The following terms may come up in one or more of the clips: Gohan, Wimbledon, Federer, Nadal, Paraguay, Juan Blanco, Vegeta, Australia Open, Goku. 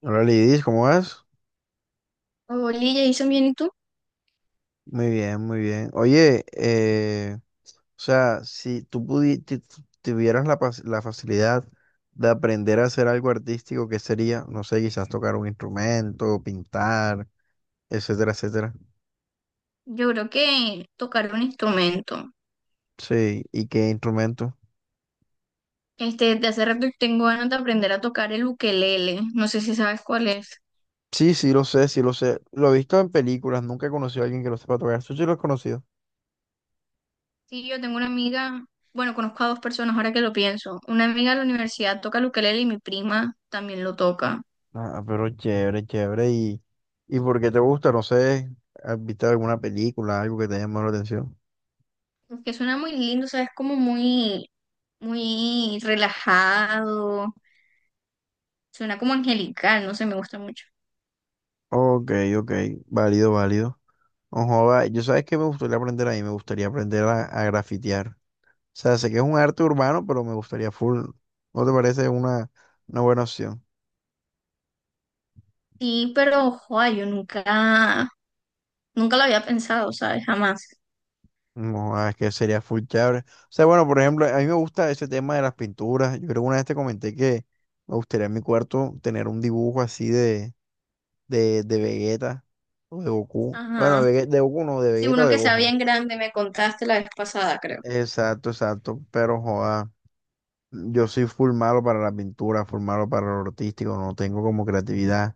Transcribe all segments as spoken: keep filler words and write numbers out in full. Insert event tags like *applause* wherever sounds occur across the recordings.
Hola Lidis, ¿cómo vas? Oli, Jason, bien, ¿y tú? Muy bien, muy bien. Oye, eh, o sea, si tú pudi- ti- tu- tuvieras la, pas- la facilidad de aprender a hacer algo artístico, ¿qué sería? No sé, quizás tocar un instrumento, pintar, etcétera, etcétera. Yo creo que tocar un instrumento. Sí, ¿y qué instrumento? Este, de hace rato tengo ganas de aprender a tocar el ukelele. No sé si sabes cuál es. Sí, sí, lo sé, sí, lo sé. Lo he visto en películas, nunca he conocido a alguien que lo sepa tocar. Eso sí lo he conocido. Sí, yo tengo una amiga, bueno, conozco a dos personas ahora que lo pienso. Una amiga de la universidad toca el ukelele y mi prima también lo toca. Ah, pero chévere, chévere. ¿Y, y por qué te gusta? No sé, ¿has visto alguna película, algo que te haya llamado la atención? Que suena muy lindo, ¿sabes? Como muy, muy relajado. Suena como angelical, no sé, me gusta mucho. Ok, ok, válido, válido. Ojo, va, yo sabes que me gustaría aprender ahí, me gustaría aprender a, a grafitear. O sea, sé que es un arte urbano, pero me gustaría full. ¿No te parece una, una buena opción? Sí, pero, ojo, yo nunca, nunca lo había pensado, ¿sabes? Jamás. No, ah, es que sería full chévere. O sea, bueno, por ejemplo, a mí me gusta ese tema de las pinturas. Yo creo que una vez te comenté que me gustaría en mi cuarto tener un dibujo así de, de, de Vegeta o de Goku. Bueno, de, Ajá. Vege- de Goku no, de Sí, Vegeta o uno de que sea Gohan. bien grande, me contaste la vez pasada, creo. Exacto, exacto, pero joda. Yo soy full malo para la pintura, full malo para lo artístico, no tengo como creatividad.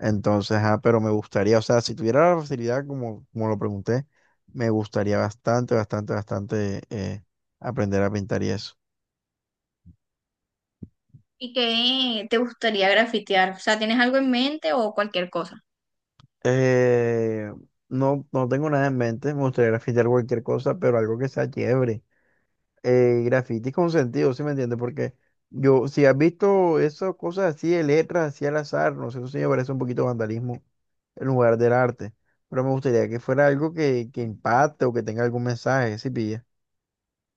Entonces, ah, pero me gustaría, o sea, si tuviera la facilidad, como, como lo pregunté, me gustaría bastante, bastante, bastante eh, aprender a pintar y eso. ¿Y qué te gustaría grafitear? O sea, ¿tienes algo en mente o cualquier cosa? Eh, no, no tengo nada en mente, me gustaría pintar cualquier cosa, pero algo que sea chévere, eh, grafitis con sentido, ¿sí me entiendes? Porque yo, si has visto esas cosas así de letras, así al azar, no sé, eso sí me parece un poquito vandalismo en lugar del arte. Pero me gustaría que fuera algo que, que impacte o que tenga algún mensaje, ¿sí pilla?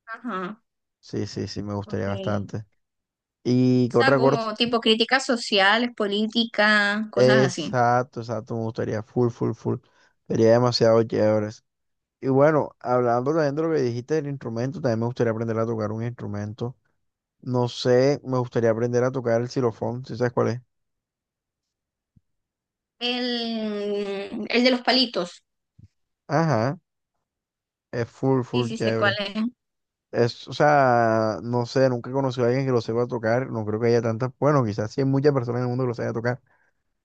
Ajá, Sí, sí, sí, me ok. gustaría O bastante. Y que sea, otra cosa, como tipo críticas sociales, políticas, cosas así. exacto, exacto, me gustaría, full, full, full. Sería demasiado chévere. Y bueno, hablando también de lo que dijiste del instrumento, también me gustaría aprender a tocar un instrumento. No sé, me gustaría aprender a tocar el xilofón, si sabes cuál es. El, el de los palitos. Ajá, es full, Sí, full sí, sé cuál chévere. es. Es, o sea, no sé, nunca he conocido a alguien que lo sepa tocar, no creo que haya tantas, bueno, quizás sí hay muchas personas en el mundo que lo sepa tocar,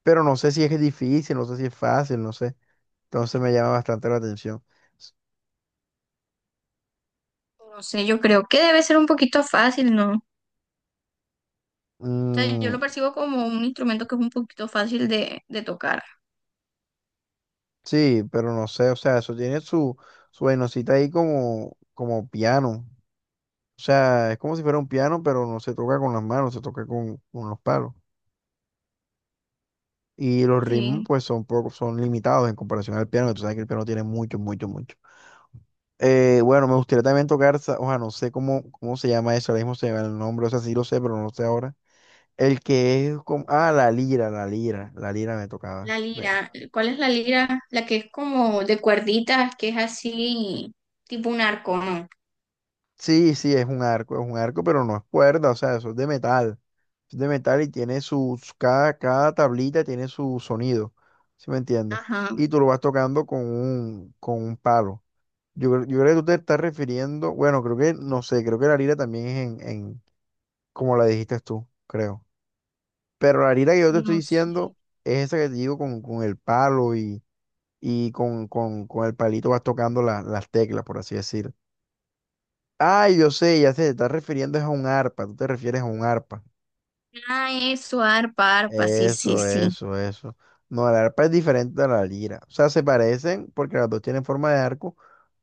pero no sé si es difícil, no sé si es fácil, no sé. Entonces me llama bastante la atención. S- No sé, yo creo que debe ser un poquito fácil, ¿no? O sea, yo mm, lo percibo como un instrumento que es un poquito fácil de, de tocar. sí, pero no sé, o sea, eso tiene su, su vainosita ahí como, como piano. O sea, es como si fuera un piano, pero no se toca con las manos, se toca con, con los palos. Y los ritmos, Sí. pues, son, poco, son limitados en comparación al piano, que tú sabes que el piano tiene mucho, mucho, mucho. Eh, bueno, me gustaría también tocar, sa- o sea, no sé cómo, cómo se llama eso, ahora mismo se llama el nombre, o sea, sí lo sé, pero no lo sé ahora. El que es como, ah, la lira, la lira, la lira me tocaba. La Me- lira, ¿cuál es la lira? La que es como de cuerditas, que es así, tipo un arco, ¿no? Sí, sí, es un arco, es un arco, pero no es cuerda, o sea, eso es de metal. Es de metal y tiene sus, cada, cada tablita tiene su sonido, ¿sí me entiendes? Ajá, Y tú lo vas tocando con un, con un palo. Yo, creo yo creo que tú te estás refiriendo, bueno, creo que, no sé, creo que la lira también es en, en, como la dijiste tú, creo. Pero la lira que yo te estoy no sé. diciendo es esa que te digo con, con el palo y, y con, con, con el palito vas tocando la- las teclas, por así decir. Ay, yo sé, ya sé, te estás refiriendo es a un arpa, tú te refieres a un arpa. Ah, eso, arpa, arpa, sí, sí, Eso, sí. eso, eso. No, la arpa es diferente a la lira. O sea, se parecen porque las dos tienen forma de arco,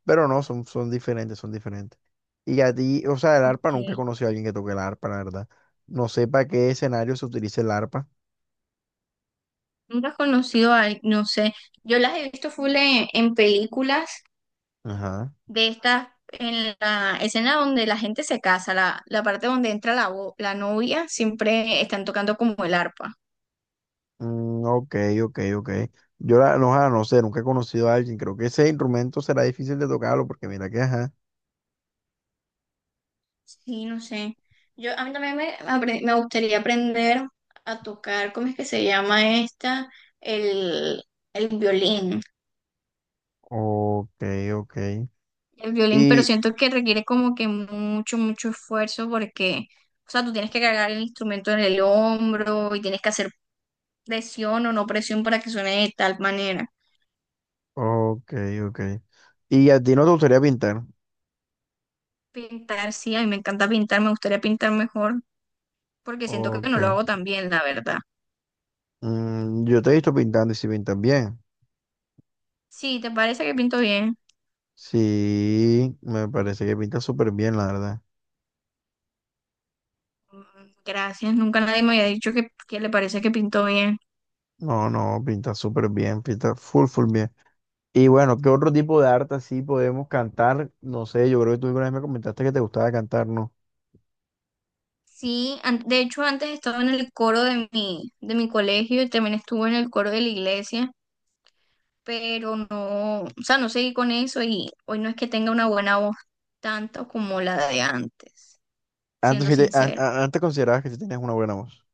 pero no, son, son diferentes, son diferentes. Y a ti, o sea, el arpa nunca he Ok. conocido a alguien que toque la arpa, la verdad. No sé para qué escenario se utiliza el arpa. Nunca he conocido a, al- no sé. Yo las he visto full en, en películas Ajá. de estas, en la escena donde la gente se casa, la, la parte donde entra la, bo- la novia, siempre están tocando como el arpa. Mm, ok, ok, ok. Yo la, no, ah, no sé, nunca he conocido a alguien. Creo que ese instrumento será difícil de tocarlo porque mira que, ajá. Sí, no sé. Yo, a mí también me, apre- me gustaría aprender a tocar, ¿cómo es que se llama esta? El, el violín. Ok, ok. El violín, pero Y, siento que requiere como que mucho, mucho esfuerzo porque, o sea, tú tienes que cargar el instrumento en el hombro y tienes que hacer presión o no presión para que suene de tal manera. ok, ok. Y a ti no te gustaría pintar. Pintar, sí, a mí me encanta pintar, me gustaría pintar mejor porque siento que Ok. no lo hago tan bien, la verdad. Mm, yo te he visto pintando y si pintas bien. Sí, ¿te parece que pinto bien? Sí, me parece que pintas súper bien, la verdad. Gracias, nunca nadie me había dicho que, que le parece que pintó bien. No, no, pintas súper bien, pintas full, full bien. Y bueno, ¿qué otro tipo de arte así podemos cantar? No sé, yo creo que tú alguna vez me comentaste que te gustaba cantar, ¿no? Sí, an- de hecho antes estaba en el coro de mi, de mi colegio y también estuve en el coro de la iglesia, pero no, o sea, no seguí con eso y hoy no es que tenga una buena voz tanto como la de antes, Antes, siendo sí te- an- sincera. an- antes considerabas que sí tenías una buena voz.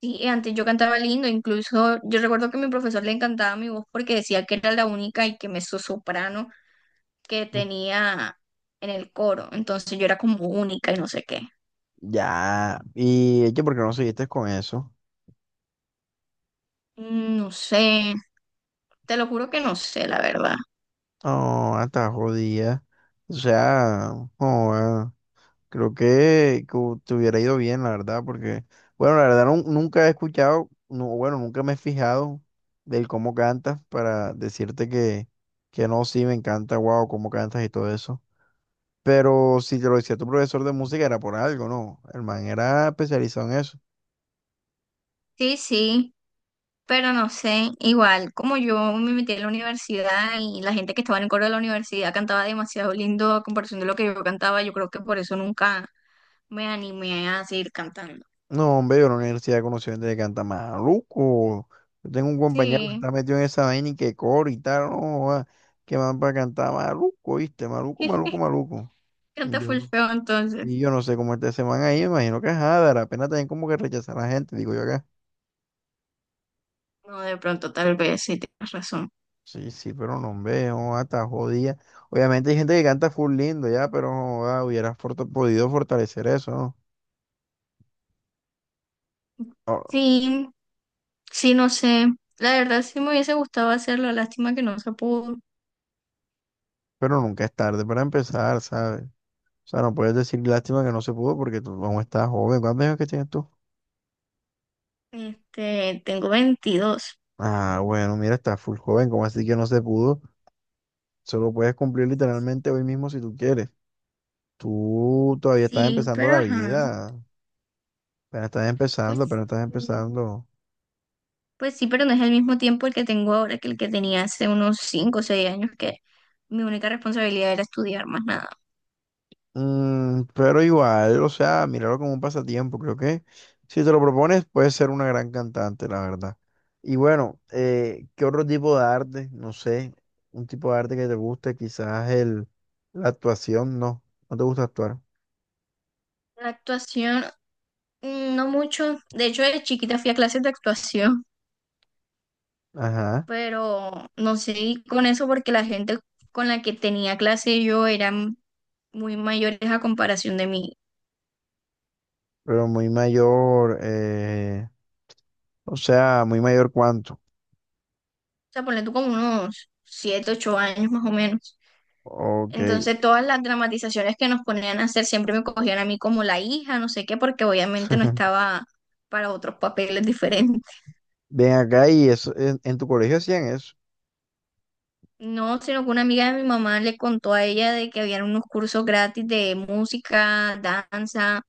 Sí, antes yo cantaba lindo, incluso yo recuerdo que a mi profesor le encantaba mi voz porque decía que era la única y que soprano que Mm. tenía en el coro, entonces yo era como única y no sé qué. Ya, y es que porque no seguiste con eso. Mm, No sé, te lo juro que no sé, la verdad. No, hasta jodida. O sea, joda. Creo que, que hu- te hubiera ido bien, la verdad, porque, bueno, la verdad nun- nunca he escuchado, no, bueno, nunca me he fijado del cómo cantas para decirte que, que no, sí, me encanta, wow, cómo cantas y todo eso. Pero si te lo decía tu profesor de música era por algo, ¿no? El man era especializado en eso. Sí, sí, pero no sé. Igual, como yo me metí en la universidad y la gente que estaba en el coro de la universidad cantaba demasiado lindo a comparación de lo que yo cantaba, yo creo que por eso nunca me animé a seguir cantando. No, hombre, yo en la universidad conocí gente que canta maluco. Yo tengo un compañero que Sí, está metido en esa vaina y que coro y tal, no, joda, que van para cantar maluco, ¿viste? Maluco, maluco, *laughs* maluco. canta full feo entonces. Y yo no sé cómo esté ese man ahí, me imagino que es la pena también como que rechazar a la gente, digo yo acá. No, de pronto tal vez, sí, tienes razón. Sí, sí, pero no veo, hasta jodida. Obviamente hay gente que canta full lindo ya, pero joda, hubieras forta- podido fortalecer eso, ¿no? Ah, Sí, sí, no sé. La verdad sí me hubiese gustado hacerlo, lástima que no se pudo. pero nunca es tarde para empezar, ¿sabes? O sea, no puedes decir lástima que no se pudo porque tú aún estás joven. ¿Cuántos años que tienes tú? Este, tengo veintidós. Ah, bueno, mira, estás full joven, ¿cómo así que no se pudo? Solo puedes cumplir literalmente hoy mismo si tú quieres. Tú todavía estás Sí, empezando pero la ajá, vida, apenas estás pues, empezando, apenas estás sí, empezando. pues sí, pero no es el mismo tiempo el que tengo ahora que el que tenía hace unos cinco o seis años, que mi única responsabilidad era estudiar más nada. Mm, pero igual, o sea, míralo como un pasatiempo. Creo que si te lo propones, puedes ser una gran cantante, la verdad. Y bueno, eh, ¿qué otro tipo de arte? No sé, un tipo de arte que te guste, quizás el, la actuación, no, no te gusta actuar. La actuación, mm, no mucho. De hecho, de chiquita fui a clases de actuación, Ajá, pero no seguí con eso porque la gente con la que tenía clase yo eran muy mayores a comparación de mí. pero muy mayor, eh, o sea, muy mayor cuánto. O sea, ponle tú como unos siete ocho años más o menos. Ok. Entonces todas las dramatizaciones que nos ponían a hacer siempre me cogían a mí como la hija, no sé qué, porque obviamente no *laughs* estaba para otros papeles *laughs* diferentes. Ven acá y eso, en, en tu colegio hacían eso. No, sino que una amiga de mi mamá le contó a ella de que habían unos cursos gratis de música, danza,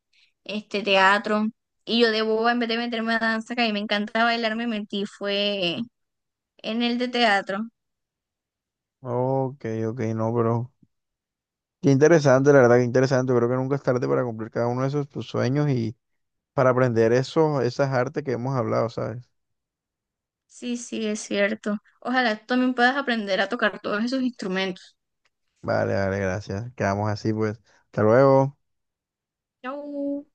este teatro. Y yo de boba, en vez de meterme a danza, que a mí me encanta bailar, me metí fue en el de teatro. Ok, ok, no, pero qué interesante, la verdad, que interesante. Creo que nunca es tarde para cumplir cada uno de esos tus sueños y para aprender esos, esas artes que hemos hablado, ¿sabes? Sí, sí, es cierto. Ojalá tú también puedas aprender a tocar todos esos instrumentos. Vale, vale, gracias. Quedamos así, pues. Hasta luego. Chau.